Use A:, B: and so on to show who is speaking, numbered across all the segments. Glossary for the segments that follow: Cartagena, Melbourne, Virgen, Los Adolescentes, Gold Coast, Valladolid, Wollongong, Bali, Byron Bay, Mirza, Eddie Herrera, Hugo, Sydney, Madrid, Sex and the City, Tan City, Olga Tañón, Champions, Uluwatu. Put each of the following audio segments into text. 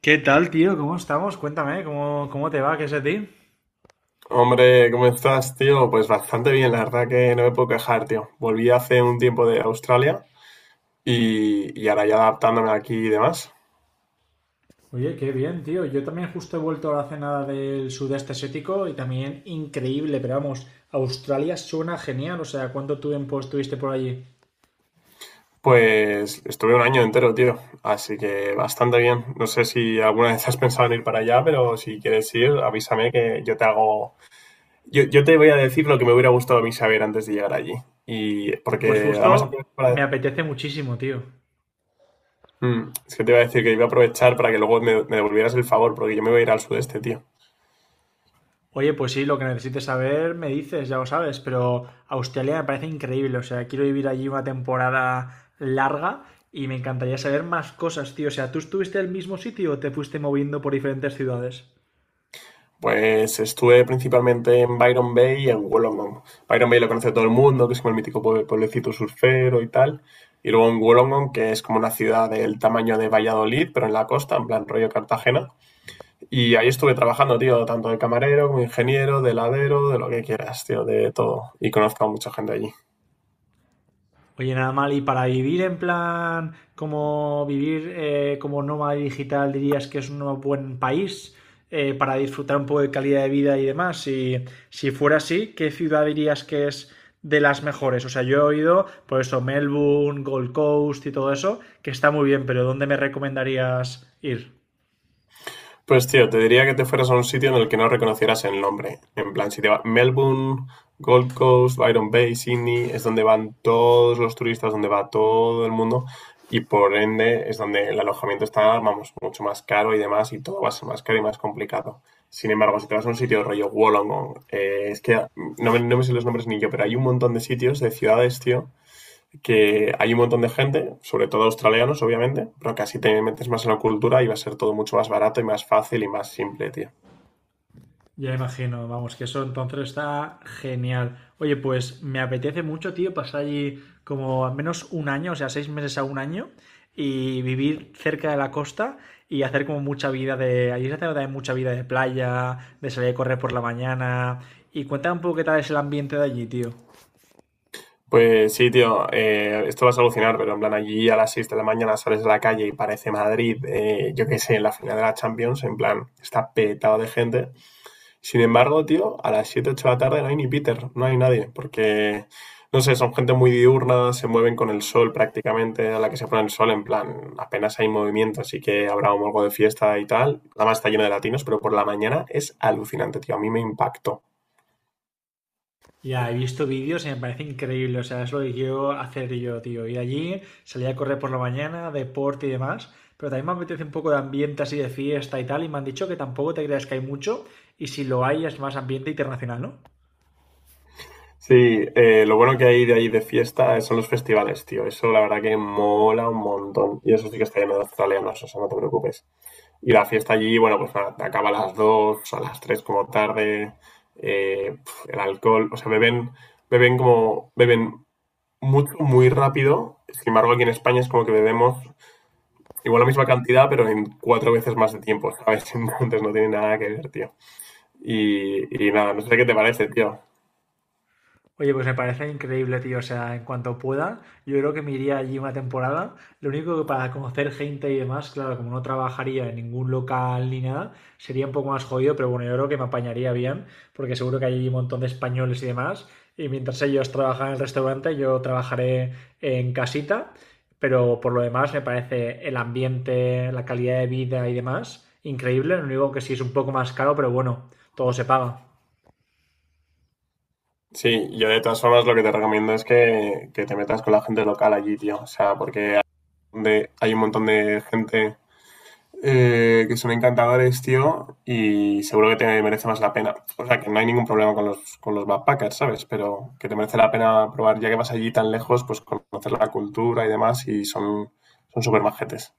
A: ¿Qué tal, tío? ¿Cómo estamos? Cuéntame, ¿cómo te va? ¿Qué es de ti?
B: Hombre, ¿cómo estás, tío? Pues bastante bien, la verdad que no me puedo quejar, tío. Volví hace un tiempo de Australia y ahora ya adaptándome aquí y demás.
A: Oye, qué bien, tío. Yo también justo he vuelto a la cena del sudeste asiático y también increíble, pero vamos, Australia suena genial. O sea, ¿cuánto tiempo estuviste por allí?
B: Pues estuve un año entero, tío. Así que bastante bien. No sé si alguna vez has pensado en ir para allá, pero si quieres ir, avísame que yo te hago... Yo te voy a decir lo que me hubiera gustado a mí saber antes de llegar allí. Y
A: Pues
B: porque además aprovecho
A: justo me
B: para...
A: apetece muchísimo, tío.
B: Es que te iba a decir que iba a aprovechar para que luego me devolvieras el favor, porque yo me voy a ir al sudeste, tío.
A: Oye, pues sí, lo que necesites saber me dices, ya lo sabes, pero Australia me parece increíble. O sea, quiero vivir allí una temporada larga y me encantaría saber más cosas, tío. O sea, ¿tú estuviste en el mismo sitio o te fuiste moviendo por diferentes ciudades?
B: Pues estuve principalmente en Byron Bay y en Wollongong. Byron Bay lo conoce todo el mundo, que es como el mítico pueblecito surfero y tal. Y luego en Wollongong, que es como una ciudad del tamaño de Valladolid, pero en la costa, en plan rollo Cartagena. Y ahí estuve trabajando, tío, tanto de camarero como ingeniero, de heladero, de lo que quieras, tío, de todo. Y conozco a mucha gente allí.
A: Oye, nada mal, y para vivir en plan, como vivir como nómada digital, dirías que es un buen país, para disfrutar un poco de calidad de vida y demás. Si, si fuera así, ¿qué ciudad dirías que es de las mejores? O sea, yo he oído, por eso, Melbourne, Gold Coast y todo eso, que está muy bien, pero ¿dónde me recomendarías ir?
B: Pues tío, te diría que te fueras a un sitio en el que no reconocieras el nombre. En plan, si te va Melbourne, Gold Coast, Byron Bay, Sydney, es donde van todos los turistas, donde va todo el mundo, y por ende es donde el alojamiento está, vamos, mucho más caro y demás, y todo va a ser más caro y más complicado. Sin embargo, si te vas a un sitio rollo Wollongong, es que no me sé los nombres ni yo, pero hay un montón de sitios, de ciudades, tío, que hay un montón de gente, sobre todo australianos, obviamente, pero que así te metes más en la cultura y va a ser todo mucho más barato y más fácil y más simple, tío.
A: Ya imagino, vamos, que eso entonces está genial. Oye, pues me apetece mucho, tío, pasar allí como al menos un año, o sea, seis meses a un año, y vivir cerca de la costa y hacer como mucha vida de. Allí se hace también mucha vida de playa, de salir a correr por la mañana. Y cuéntame un poco qué tal es el ambiente de allí, tío.
B: Pues sí, tío, esto vas a alucinar, pero en plan allí a las 6 de la mañana sales de la calle y parece Madrid, yo qué sé, en la final de la Champions, en plan, está petado de gente. Sin embargo, tío, a las 7 8 de la tarde no hay ni Peter, no hay nadie, porque, no sé, son gente muy diurna, se mueven con el sol prácticamente, a la que se pone el sol, en plan, apenas hay movimiento, así que habrá un algo de fiesta y tal. Además está lleno de latinos, pero por la mañana es alucinante, tío, a mí me impactó.
A: Ya, he visto vídeos y me parece increíble, o sea, es lo que quiero hacer yo, tío. Ir allí, salir a correr por la mañana, deporte y demás, pero también me apetece un poco de ambiente así de fiesta y tal, y me han dicho que tampoco te creas que hay mucho, y si lo hay es más ambiente internacional, ¿no?
B: Sí, lo bueno que hay de ahí de fiesta son los festivales, tío, eso la verdad que mola un montón, y eso sí que está lleno de australianos, o sea, no te preocupes. Y la fiesta allí, bueno, pues acaba a las 2 a las 3 como tarde, eh, el alcohol, o sea, beben mucho, muy rápido. Sin embargo, aquí en España es como que bebemos igual la misma cantidad, pero en cuatro veces más de tiempo, ¿sabes? Entonces no tiene nada que ver, tío. Y nada, no sé qué te parece, tío.
A: Oye, pues me parece increíble, tío. O sea, en cuanto pueda, yo creo que me iría allí una temporada. Lo único que para conocer gente y demás, claro, como no trabajaría en ningún local ni nada, sería un poco más jodido, pero bueno, yo creo que me apañaría bien, porque seguro que hay un montón de españoles y demás. Y mientras ellos trabajan en el restaurante, yo trabajaré en casita. Pero por lo demás, me parece el ambiente, la calidad de vida y demás, increíble. Lo único que sí es un poco más caro, pero bueno, todo se paga.
B: Sí, yo de todas formas lo que te recomiendo es que te metas con la gente local allí, tío. O sea, porque un hay un montón de gente, que son encantadores, tío, y seguro que te merece más la pena. O sea, que no hay ningún problema con con los backpackers, ¿sabes? Pero que te merece la pena probar, ya que vas allí tan lejos, pues conocer la cultura y demás, y son súper majetes.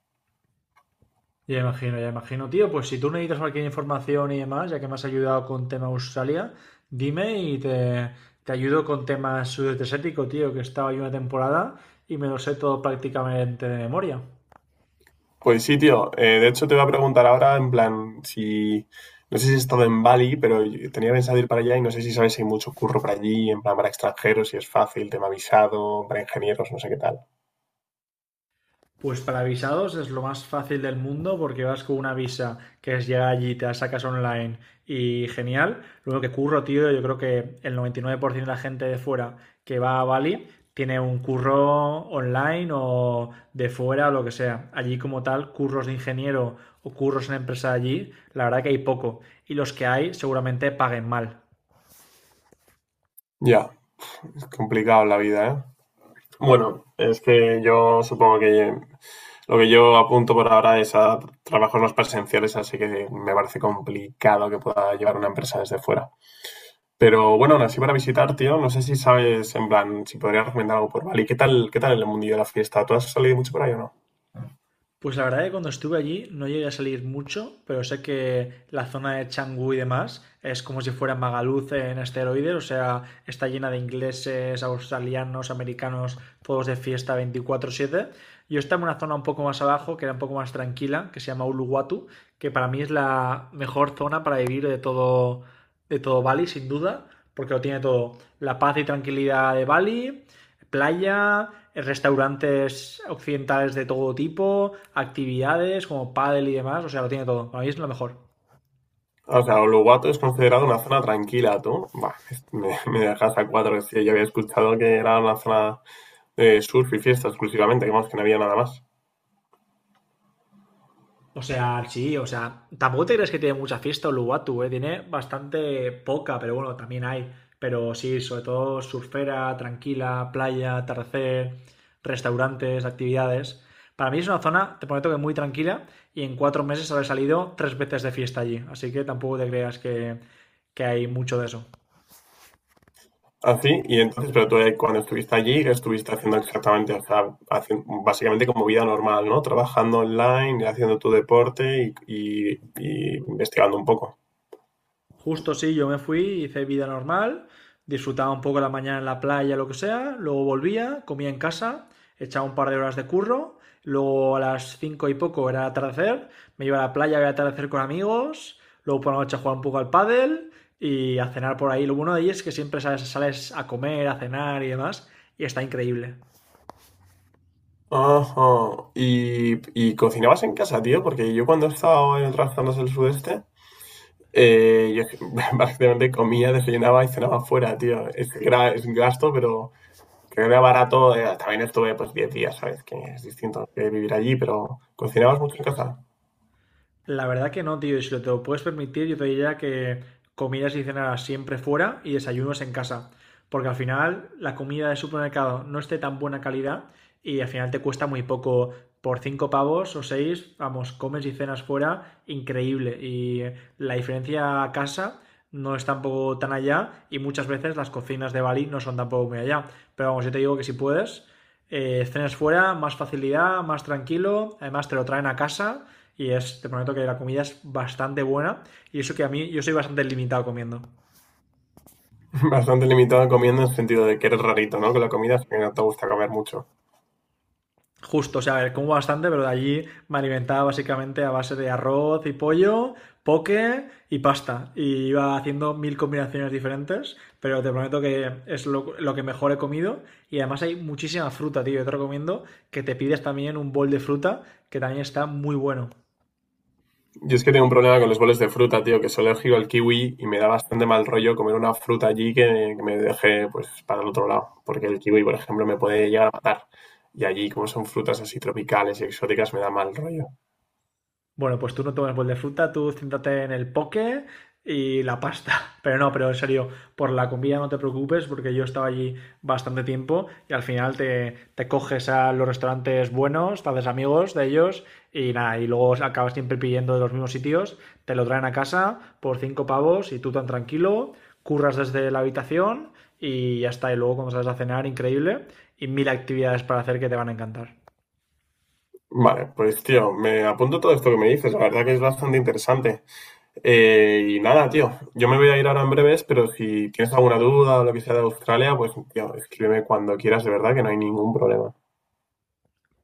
A: Ya imagino, ya imagino. Tío, pues si tú necesitas cualquier información y demás, ya que me has ayudado con tema Australia, dime y te ayudo con temas sudeste asiático, tío, que estaba ahí una temporada y me lo sé todo prácticamente de memoria.
B: Pues sí, tío. De hecho, te voy a preguntar ahora, en plan, si... No sé si he estado en Bali, pero yo tenía pensado ir para allá y no sé si sabes si hay mucho curro para allí, en plan, para extranjeros, si es fácil, tema visado, para ingenieros, no sé qué tal.
A: Pues para visados es lo más fácil del mundo porque vas con una visa que es llegar allí, te la sacas online y genial. Luego que curro, tío, yo creo que el 99% de la gente de fuera que va a Bali tiene un curro online o de fuera o lo que sea. Allí como tal, curros de ingeniero o curros en empresa allí, la verdad que hay poco. Y los que hay seguramente paguen mal.
B: Ya, es complicado la vida, ¿eh? Bueno, es que yo supongo que... Lo que yo apunto por ahora es a trabajos más presenciales, así que me parece complicado que pueda llevar una empresa desde fuera. Pero bueno, aún así para visitar, tío, no sé si sabes, en plan, si podría recomendar algo por Bali. Qué tal el mundillo de la fiesta? ¿Tú has salido mucho por ahí o no?
A: Pues la verdad que cuando estuve allí no llegué a salir mucho, pero sé que la zona de Canggu y demás es como si fuera Magaluz en esteroides, o sea, está llena de ingleses, australianos, americanos, todos de fiesta 24/7. Yo estaba en una zona un poco más abajo, que era un poco más tranquila, que se llama Uluwatu, que para mí es la mejor zona para vivir de todo Bali, sin duda, porque lo tiene todo. La paz y tranquilidad de Bali, playa, restaurantes occidentales de todo tipo, actividades como pádel y demás, o sea, lo tiene todo. Para mí es lo mejor.
B: O sea, Uluwatu es considerado una zona tranquila, tú. Bah, me dejas a cuatro, tío. Yo había escuchado que era una zona de surf y fiesta exclusivamente, que vamos, que no había nada más.
A: O sea, sí, o sea, tampoco te crees que tiene mucha fiesta Uluwatu, ¿eh? Tiene bastante poca, pero bueno, también hay. Pero sí, sobre todo surfera, tranquila, playa, atardecer, restaurantes, actividades. Para mí es una zona, te prometo que muy tranquila, y en 4 meses habré salido 3 veces de fiesta allí. Así que tampoco te creas que hay mucho de eso.
B: Así, y entonces, pero tú cuando estuviste allí, ¿qué estuviste haciendo exactamente? O sea, básicamente como vida normal, ¿no? Trabajando online, haciendo tu deporte y investigando un poco.
A: Justo sí, yo me fui, hice vida normal, disfrutaba un poco la mañana en la playa, lo que sea, luego volvía, comía en casa, echaba un par de horas de curro, luego a las 5 y poco era atardecer, me iba a la playa, a atardecer con amigos, luego por la noche a un poco al pádel y a cenar por ahí. Lo bueno de ahí es que siempre sales, sales a comer, a cenar y demás, y está increíble.
B: Ajá. ¿Y cocinabas en casa, tío? Porque yo cuando he estado en otras zonas del sudeste, yo básicamente comía, desayunaba y cenaba fuera, tío. Es, es un gasto, pero que era barato. Eh, también estuve pues 10 días, ¿sabes? Que es distinto que vivir allí, pero ¿cocinabas mucho en casa?
A: La verdad que no, tío. Y si lo te lo puedes permitir, yo te diría que comidas y cenas siempre fuera y desayunos en casa. Porque al final la comida de supermercado no esté tan buena calidad y al final te cuesta muy poco. Por cinco pavos o seis, vamos, comes y cenas fuera, increíble. Y la diferencia a casa no es tampoco tan allá y muchas veces las cocinas de Bali no son tampoco muy allá. Pero vamos, yo te digo que si puedes, cenas fuera, más facilidad, más tranquilo, además te lo traen a casa y es, te prometo que la comida es bastante buena. Y eso que a mí, yo soy bastante limitado comiendo.
B: Bastante limitado comiendo en el sentido de que eres rarito, ¿no? Con la comida, que no te gusta comer mucho.
A: Justo, o sea, a ver, como bastante, pero de allí me alimentaba básicamente a base de arroz y pollo, poke y pasta. Y iba haciendo mil combinaciones diferentes, pero te prometo que es lo que mejor he comido. Y además hay muchísima fruta, tío. Yo te recomiendo que te pides también un bol de fruta, que también está muy bueno.
B: Yo es que tengo un problema con los boles de fruta, tío, que soy alérgico al kiwi y me da bastante mal rollo comer una fruta allí que me deje, pues, para el otro lado. Porque el kiwi, por ejemplo, me puede llegar a matar. Y allí, como son frutas así tropicales y exóticas, me da mal rollo.
A: Bueno, pues tú no tomes bol de fruta, tú céntrate en el poke y la pasta. Pero no, pero en serio, por la comida no te preocupes porque yo estaba allí bastante tiempo y al final te coges a los restaurantes buenos, te haces amigos de ellos y nada, y luego acabas siempre pidiendo de los mismos sitios, te lo traen a casa por cinco pavos y tú tan tranquilo, curras desde la habitación y ya está. Y luego cuando sales a cenar, increíble y mil actividades para hacer que te van a encantar.
B: Vale, pues, tío, me apunto todo esto que me dices. La verdad que es bastante interesante. Y nada, tío, yo me voy a ir ahora en breves, pero si tienes alguna duda o lo que sea de Australia, pues tío, escríbeme cuando quieras, de verdad que no hay ningún problema.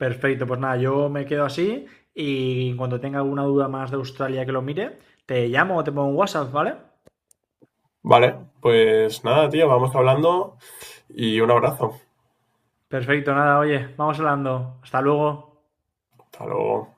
A: Perfecto, pues nada, yo me quedo así y cuando tenga alguna duda más de Australia que lo mire, te llamo o te pongo un WhatsApp, ¿vale?
B: Vale, pues nada, tío, vamos hablando y un abrazo.
A: Perfecto, nada, oye, vamos hablando. Hasta luego.
B: Hasta luego.